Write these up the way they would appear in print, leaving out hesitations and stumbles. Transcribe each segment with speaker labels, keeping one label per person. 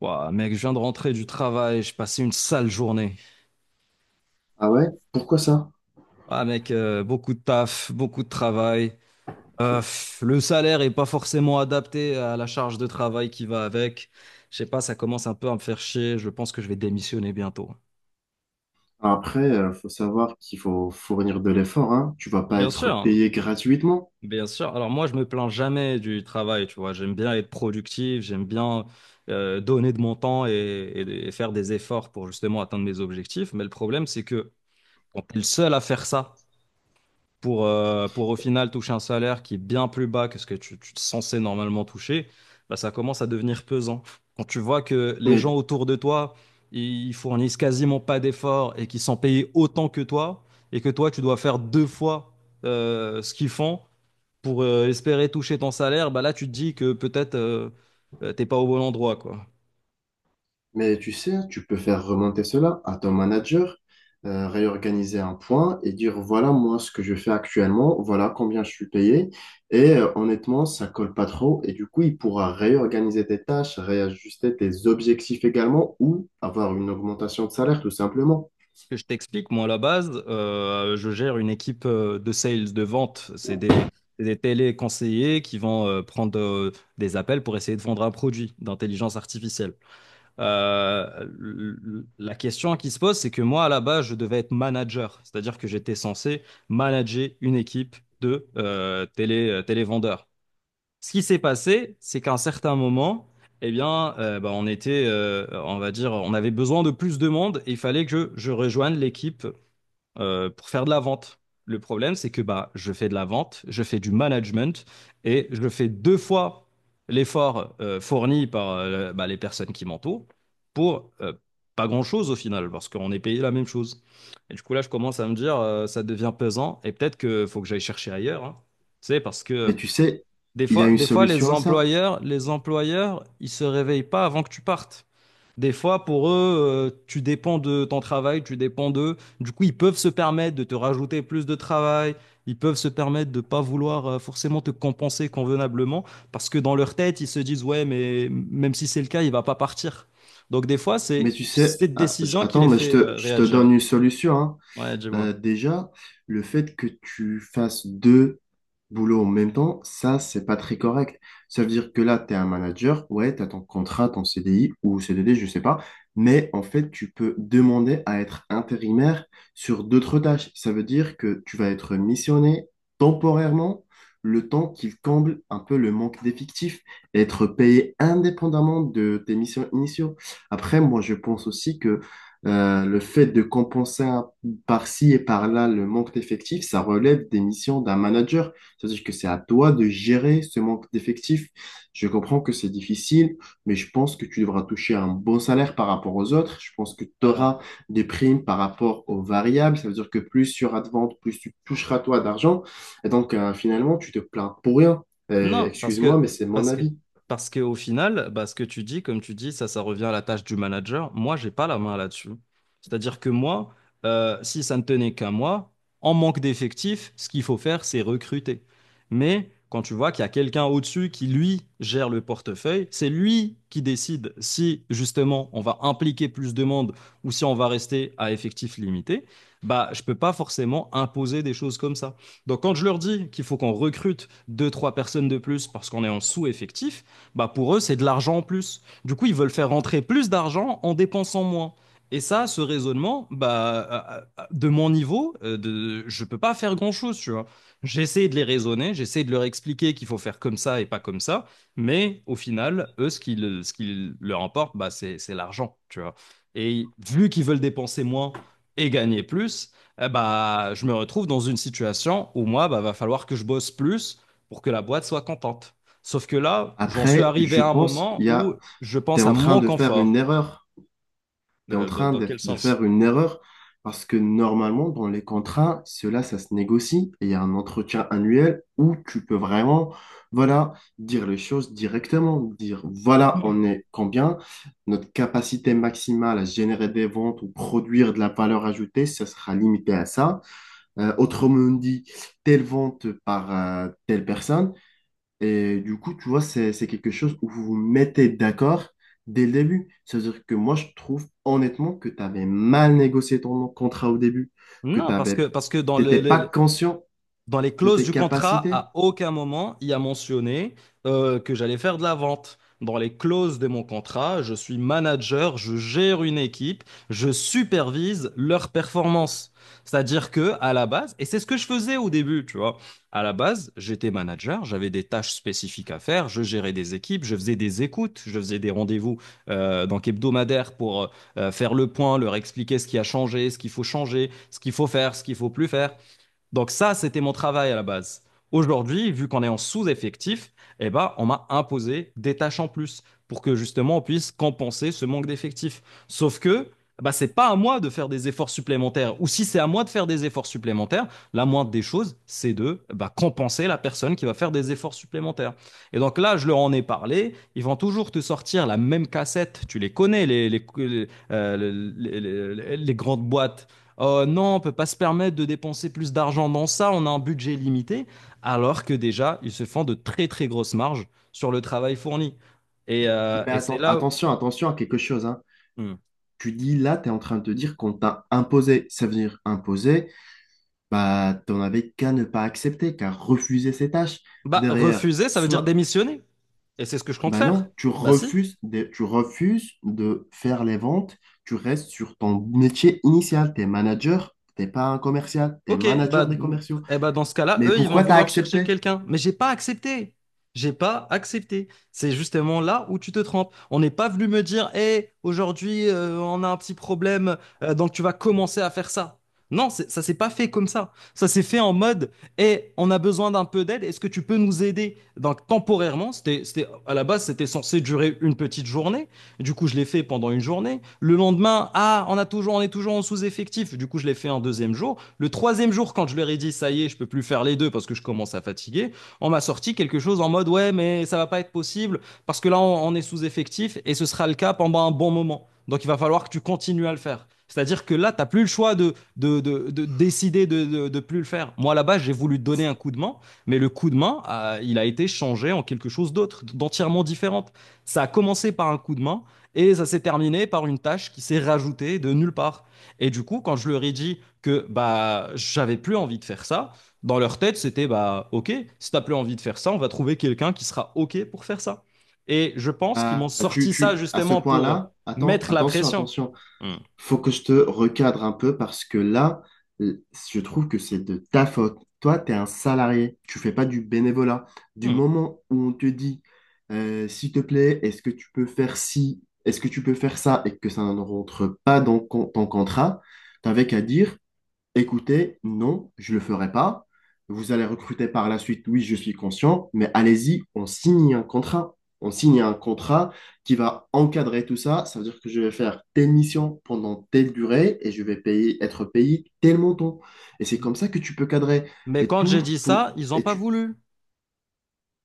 Speaker 1: Ouah, mec, je viens de rentrer du travail, j'ai passé une sale journée.
Speaker 2: Ah ouais? Pourquoi ça?
Speaker 1: Ah mec, beaucoup de taf, beaucoup de travail. Pff, le salaire est pas forcément adapté à la charge de travail qui va avec. Je sais pas, ça commence un peu à me faire chier. Je pense que je vais démissionner bientôt.
Speaker 2: Après, faut savoir qu'il faut fournir de l'effort, hein. Tu vas pas
Speaker 1: Bien
Speaker 2: être
Speaker 1: sûr,
Speaker 2: payé gratuitement.
Speaker 1: bien sûr. Alors moi, je me plains jamais du travail, tu vois. J'aime bien être productif, j'aime bien donner de mon temps et faire des efforts pour justement atteindre mes objectifs. Mais le problème, c'est que quand t'es le seul à faire ça, pour au final toucher un salaire qui est bien plus bas que ce que tu es censé normalement toucher, bah, ça commence à devenir pesant. Quand tu vois que les gens
Speaker 2: Mais,
Speaker 1: autour de toi, ils fournissent quasiment pas d'efforts et qu'ils sont payés autant que toi, et que toi, tu dois faire deux fois ce qu'ils font pour espérer toucher ton salaire, bah là, tu te dis que peut-être t'es pas au bon endroit, quoi.
Speaker 2: mais tu sais, hein, tu peux faire remonter cela à ton manager, réorganiser un point et dire, voilà moi ce que je fais actuellement, voilà combien je suis payé. Et honnêtement, ça colle pas trop. Et du coup, il pourra réorganiser tes tâches, réajuster tes objectifs également ou avoir une augmentation de salaire tout simplement.
Speaker 1: Que je t'explique, moi, à la base, je gère une équipe de sales, de vente. C'est des téléconseillers qui vont prendre des appels pour essayer de vendre un produit d'intelligence artificielle. La question qui se pose, c'est que moi, à la base, je devais être manager, c'est-à-dire que j'étais censé manager une équipe de télévendeurs. Ce qui s'est passé, c'est qu'à un certain moment, eh bien, on était, on va dire, on avait besoin de plus de monde et il fallait que je rejoigne l'équipe pour faire de la vente. Le problème, c'est que bah, je fais de la vente, je fais du management et je fais deux fois l'effort fourni par les personnes qui m'entourent pour pas grand-chose au final, parce qu'on est payé la même chose. Et du coup, là, je commence à me dire, ça devient pesant et peut-être qu'il faut que j'aille chercher ailleurs, hein. C'est parce
Speaker 2: Mais
Speaker 1: que
Speaker 2: tu sais, il y a une
Speaker 1: des fois,
Speaker 2: solution à ça.
Speaker 1: les employeurs, ils se réveillent pas avant que tu partes. Des fois, pour eux, tu dépends de ton travail, tu dépends d'eux. Du coup, ils peuvent se permettre de te rajouter plus de travail. Ils peuvent se permettre de pas vouloir forcément te compenser convenablement parce que dans leur tête, ils se disent, ouais, mais même si c'est le cas, il va pas partir. Donc, des fois,
Speaker 2: Mais
Speaker 1: c'est
Speaker 2: tu sais,
Speaker 1: cette décision qui
Speaker 2: attends,
Speaker 1: les
Speaker 2: mais
Speaker 1: fait
Speaker 2: je te
Speaker 1: réagir.
Speaker 2: donne une solution, hein.
Speaker 1: Ouais, dis-moi.
Speaker 2: Déjà, le fait que tu fasses deux boulot en même temps, ça, c'est pas très correct. Ça veut dire que là, tu es un manager, ouais, tu as ton contrat, ton CDI ou CDD, je sais pas, mais en fait, tu peux demander à être intérimaire sur d'autres tâches. Ça veut dire que tu vas être missionné temporairement le temps qu'il comble un peu le manque d'effectifs, et être payé indépendamment de tes missions initiaux. Après, moi, je pense aussi que le fait de par-ci et par-là le manque d'effectifs, ça relève des missions d'un manager. C'est-à-dire que c'est à toi de gérer ce manque d'effectifs. Je comprends que c'est difficile, mais je pense que tu devras toucher un bon salaire par rapport aux autres. Je pense que tu
Speaker 1: Alors.
Speaker 2: auras des primes par rapport aux variables. Ça veut dire que plus il y aura de ventes, plus tu toucheras toi d'argent. Et donc, finalement, tu te plains pour rien.
Speaker 1: Non,
Speaker 2: Excuse-moi, mais c'est mon
Speaker 1: parce que,
Speaker 2: avis.
Speaker 1: parce que au final, bah, ce que tu dis, comme tu dis, ça revient à la tâche du manager. Moi, j'ai pas la main là-dessus. C'est-à-dire que moi, si ça ne tenait qu'à moi, en manque d'effectifs, ce qu'il faut faire, c'est recruter. Mais quand tu vois qu'il y a quelqu'un au-dessus qui, lui, gère le portefeuille, c'est lui qui décide si, justement, on va impliquer plus de monde ou si on va rester à effectif limité. Bah, je peux pas forcément imposer des choses comme ça. Donc quand je leur dis qu'il faut qu'on recrute deux, trois personnes de plus parce qu'on est en sous-effectif, bah pour eux, c'est de l'argent en plus. Du coup, ils veulent faire rentrer plus d'argent en dépensant moins. Et ça, ce raisonnement, bah, de mon niveau, je peux pas faire grand-chose, tu vois. J'essaie de les raisonner, j'essaie de leur expliquer qu'il faut faire comme ça et pas comme ça, mais au final, eux, ce qui leur importe, bah, c'est l'argent, tu vois. Et vu qu'ils veulent dépenser moins et gagner plus, eh bah, je me retrouve dans une situation où moi, bah, va falloir que je bosse plus pour que la boîte soit contente. Sauf que là, j'en suis
Speaker 2: Après,
Speaker 1: arrivé
Speaker 2: je
Speaker 1: à un
Speaker 2: pense,
Speaker 1: moment
Speaker 2: il y
Speaker 1: où
Speaker 2: a,
Speaker 1: je
Speaker 2: tu es
Speaker 1: pense à
Speaker 2: en train
Speaker 1: mon
Speaker 2: de faire
Speaker 1: confort.
Speaker 2: une erreur. Tu es en train
Speaker 1: Dans quel
Speaker 2: de faire
Speaker 1: sens?
Speaker 2: une erreur parce que normalement, dans les contrats, cela, ça se négocie et il y a un entretien annuel où tu peux vraiment, voilà, dire les choses directement, dire, voilà, on est combien, notre capacité maximale à générer des ventes ou produire de la valeur ajoutée, ça sera limité à ça. Autrement dit, telle vente par telle personne et du coup, tu vois, c'est quelque chose où vous vous mettez d'accord dès le début. C'est-à-dire que moi, je trouve honnêtement que tu avais mal négocié ton contrat au début, que tu
Speaker 1: Non,
Speaker 2: avais,
Speaker 1: parce que
Speaker 2: t'étais pas conscient
Speaker 1: dans les
Speaker 2: de
Speaker 1: clauses
Speaker 2: tes
Speaker 1: du contrat,
Speaker 2: capacités.
Speaker 1: à aucun moment il y a mentionné que j'allais faire de la vente. Dans les clauses de mon contrat, je suis manager, je gère une équipe, je supervise leur performance. C'est-à-dire que à la base, et c'est ce que je faisais au début, tu vois, à la base, j'étais manager, j'avais des tâches spécifiques à faire, je gérais des équipes, je faisais des écoutes, je faisais des rendez-vous donc hebdomadaires pour faire le point, leur expliquer ce qui a changé, ce qu'il faut changer, ce qu'il faut faire, ce qu'il faut plus faire. Donc ça, c'était mon travail à la base. Aujourd'hui, vu qu'on est en sous-effectif, eh ben, on m'a imposé des tâches en plus pour que justement on puisse compenser ce manque d'effectifs. Sauf que bah, c'est pas à moi de faire des efforts supplémentaires. Ou si c'est à moi de faire des efforts supplémentaires, la moindre des choses, c'est de bah, compenser la personne qui va faire des efforts supplémentaires. Et donc là, je leur en ai parlé. Ils vont toujours te sortir la même cassette. Tu les connais, les grandes boîtes, non, on peut pas se permettre de dépenser plus d'argent dans ça, on a un budget limité, alors que déjà, ils se font de très très grosses marges sur le travail fourni.
Speaker 2: Mais
Speaker 1: Et c'est là où…
Speaker 2: attention, attention à quelque chose, hein.
Speaker 1: Hmm.
Speaker 2: Tu dis là, tu es en train de te dire qu'on t'a imposé. Ça veut dire imposé, bah, t'en avais qu'à ne pas accepter, qu'à refuser ces tâches.
Speaker 1: Bah,
Speaker 2: Derrière,
Speaker 1: refuser, ça veut dire
Speaker 2: soit...
Speaker 1: démissionner. Et c'est ce que je compte
Speaker 2: Ben
Speaker 1: faire.
Speaker 2: non,
Speaker 1: Bah si.
Speaker 2: tu refuses de faire les ventes, tu restes sur ton métier initial, t'es manager, t'es pas un commercial, t'es
Speaker 1: Ok, bah,
Speaker 2: manager des
Speaker 1: mm,
Speaker 2: commerciaux.
Speaker 1: eh bah dans ce cas-là,
Speaker 2: Mais
Speaker 1: eux, ils vont
Speaker 2: pourquoi t'as
Speaker 1: vouloir chercher
Speaker 2: accepté?
Speaker 1: quelqu'un. Mais j'ai pas accepté. J'ai pas accepté. C'est justement là où tu te trompes. On n'est pas venu me dire, hé, aujourd'hui, on a un petit problème, donc tu vas commencer à faire ça. Non, ça s'est pas fait comme ça. Ça s'est fait en mode, hé, on a besoin d'un peu d'aide, est-ce que tu peux nous aider? Donc temporairement, à la base, c'était censé durer une petite journée. Du coup, je l'ai fait pendant une journée. Le lendemain, ah, on est toujours en sous-effectif. Du coup, je l'ai fait un deuxième jour. Le troisième jour, quand je leur ai dit ça y est, je peux plus faire les deux parce que je commence à fatiguer, on m'a sorti quelque chose en mode ouais, mais ça va pas être possible parce que là, on est sous-effectif et ce sera le cas pendant un bon moment. Donc il va falloir que tu continues à le faire. C'est-à-dire que là, tu n'as plus le choix de décider de ne de, de plus le faire. Moi, là-bas, j'ai voulu donner un coup de main, mais le coup de main, il a été changé en quelque chose d'autre, d'entièrement différente. Ça a commencé par un coup de main et ça s'est terminé par une tâche qui s'est rajoutée de nulle part. Et du coup, quand je leur ai dit que bah j'avais plus envie de faire ça, dans leur tête, c'était bah OK, si t'as plus envie de faire ça, on va trouver quelqu'un qui sera OK pour faire ça. Et je pense qu'ils m'ont sorti ça
Speaker 2: À ce
Speaker 1: justement pour
Speaker 2: point-là, attends,
Speaker 1: mettre la
Speaker 2: attention,
Speaker 1: pression.
Speaker 2: attention.
Speaker 1: Hmm.
Speaker 2: Faut que je te recadre un peu parce que là, l- je trouve que c'est de ta faute. Toi, tu es un salarié, tu fais pas du bénévolat. Du
Speaker 1: Hmm.
Speaker 2: moment où on te dit, s'il te plaît, est-ce que tu peux faire ci, est-ce que tu peux faire ça, et que ça ne rentre pas dans ton contrat, t'avais qu'à dire, écoutez, non, je ne le ferai pas. Vous allez recruter par la suite, oui, je suis conscient, mais allez-y, on signe un contrat. On signe un contrat qui va encadrer tout ça. Ça veut dire que je vais faire telle mission pendant telle durée et je vais payer, être payé tel montant. Et c'est comme ça que tu peux cadrer.
Speaker 1: Mais
Speaker 2: Et
Speaker 1: quand j'ai
Speaker 2: tout,
Speaker 1: dit
Speaker 2: ton-
Speaker 1: ça, ils n'ont
Speaker 2: et
Speaker 1: pas
Speaker 2: tu,
Speaker 1: voulu.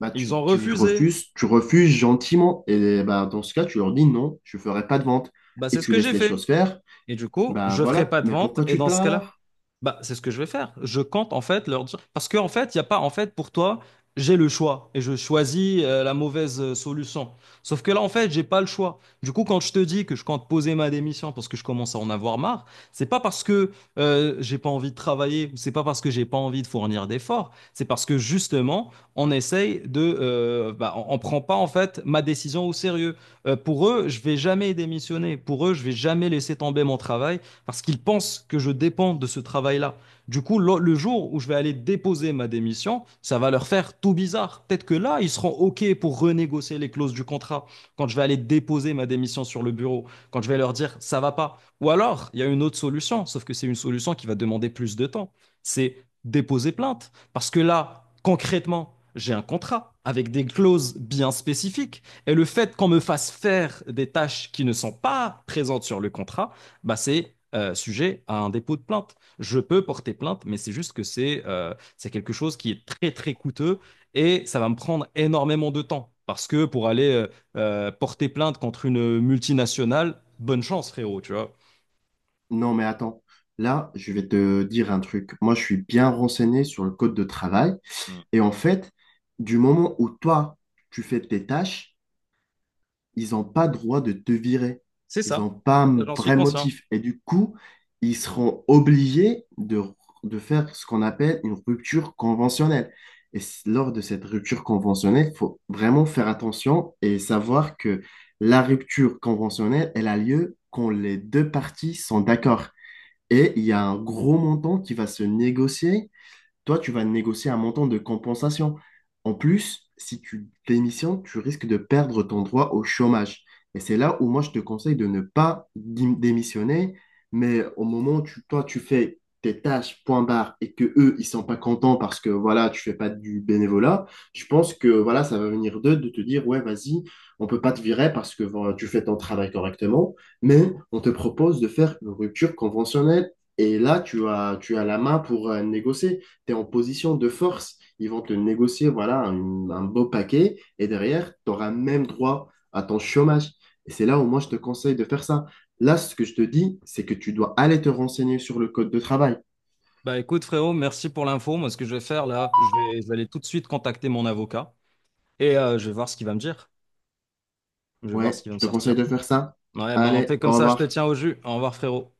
Speaker 2: bah,
Speaker 1: Ils
Speaker 2: tu,
Speaker 1: ont refusé.
Speaker 2: tu refuses gentiment. Et bah, dans ce cas, tu leur dis non, je ne ferai pas de vente.
Speaker 1: Bah,
Speaker 2: Et
Speaker 1: c'est ce
Speaker 2: tu
Speaker 1: que
Speaker 2: laisses
Speaker 1: j'ai
Speaker 2: les
Speaker 1: fait.
Speaker 2: choses faire.
Speaker 1: Et du coup,
Speaker 2: Bah
Speaker 1: je ne ferai
Speaker 2: voilà,
Speaker 1: pas de
Speaker 2: mais
Speaker 1: vente.
Speaker 2: pourquoi
Speaker 1: Et
Speaker 2: tu te
Speaker 1: dans ce
Speaker 2: plains
Speaker 1: cas-là,
Speaker 2: alors?
Speaker 1: bah, c'est ce que je vais faire. Je compte en fait leur dire. Parce qu'en fait, il n'y a pas, en fait, pour toi, j'ai le choix et je choisis la mauvaise solution. Sauf que là, en fait, j'ai pas le choix. Du coup, quand je te dis que je compte poser ma démission parce que je commence à en avoir marre, c'est pas parce que j'ai pas envie de travailler ou c'est pas parce que j'ai pas envie de fournir d'efforts. C'est parce que justement, on essaye de, on prend pas en fait ma décision au sérieux. Pour eux, je vais jamais démissionner. Pour eux, je vais jamais laisser tomber mon travail parce qu'ils pensent que je dépends de ce travail-là. Du coup, le jour où je vais aller déposer ma démission, ça va leur faire tout bizarre. Peut-être que là, ils seront OK pour renégocier les clauses du contrat quand je vais aller déposer ma démission sur le bureau, quand je vais leur dire ça va pas. Ou alors, il y a une autre solution, sauf que c'est une solution qui va demander plus de temps. C'est déposer plainte. Parce que là, concrètement, j'ai un contrat avec des clauses bien spécifiques. Et le fait qu'on me fasse faire des tâches qui ne sont pas présentes sur le contrat, bah, c'est sujet à un dépôt de plainte. Je peux porter plainte, mais c'est juste que c'est quelque chose qui est très très coûteux et ça va me prendre énormément de temps. Parce que pour aller porter plainte contre une multinationale, bonne chance, frérot, tu vois.
Speaker 2: Non, mais attends. Là, je vais te dire un truc. Moi, je suis bien renseigné sur le code de travail.
Speaker 1: Mm.
Speaker 2: Et en fait, du moment où toi, tu fais tes tâches, ils n'ont pas droit de te virer.
Speaker 1: C'est
Speaker 2: Ils
Speaker 1: ça,
Speaker 2: n'ont pas un
Speaker 1: j'en suis
Speaker 2: vrai
Speaker 1: conscient.
Speaker 2: motif. Et du coup, ils seront obligés de faire ce qu'on appelle une rupture conventionnelle. Et lors de cette rupture conventionnelle, il faut vraiment faire attention et savoir que la rupture conventionnelle, elle a lieu quand les deux parties sont d'accord. Et il y a un gros montant qui va se négocier, toi, tu vas négocier un montant de compensation. En plus, si tu démissionnes, tu risques de perdre ton droit au chômage. Et c'est là où moi, je te conseille de ne pas démissionner, mais au moment où toi, tu fais tes tâches, point barre, et que eux, ils sont pas contents parce que, voilà, tu fais pas du bénévolat, je pense que, voilà, ça va venir d'eux de te dire, ouais, vas-y, on peut pas te virer parce que voilà, tu fais ton travail correctement, mais on te propose de faire une rupture conventionnelle. Et là, tu as la main pour négocier. Tu es en position de force. Ils vont te négocier voilà, un beau paquet et derrière, tu auras même droit à ton chômage. Et c'est là où moi, je te conseille de faire ça. Là, ce que je te dis, c'est que tu dois aller te renseigner sur le code de travail.
Speaker 1: Bah écoute, frérot, merci pour l'info. Moi, ce que je vais faire là, je vais aller tout de suite contacter mon avocat et je vais voir ce qu'il va me dire. Je vais voir ce
Speaker 2: Ouais,
Speaker 1: qu'il va
Speaker 2: je
Speaker 1: me
Speaker 2: te conseille
Speaker 1: sortir.
Speaker 2: de faire ça.
Speaker 1: Ouais, ben on fait
Speaker 2: Allez,
Speaker 1: comme
Speaker 2: au
Speaker 1: ça, je te
Speaker 2: revoir.
Speaker 1: tiens au jus. Au revoir, frérot.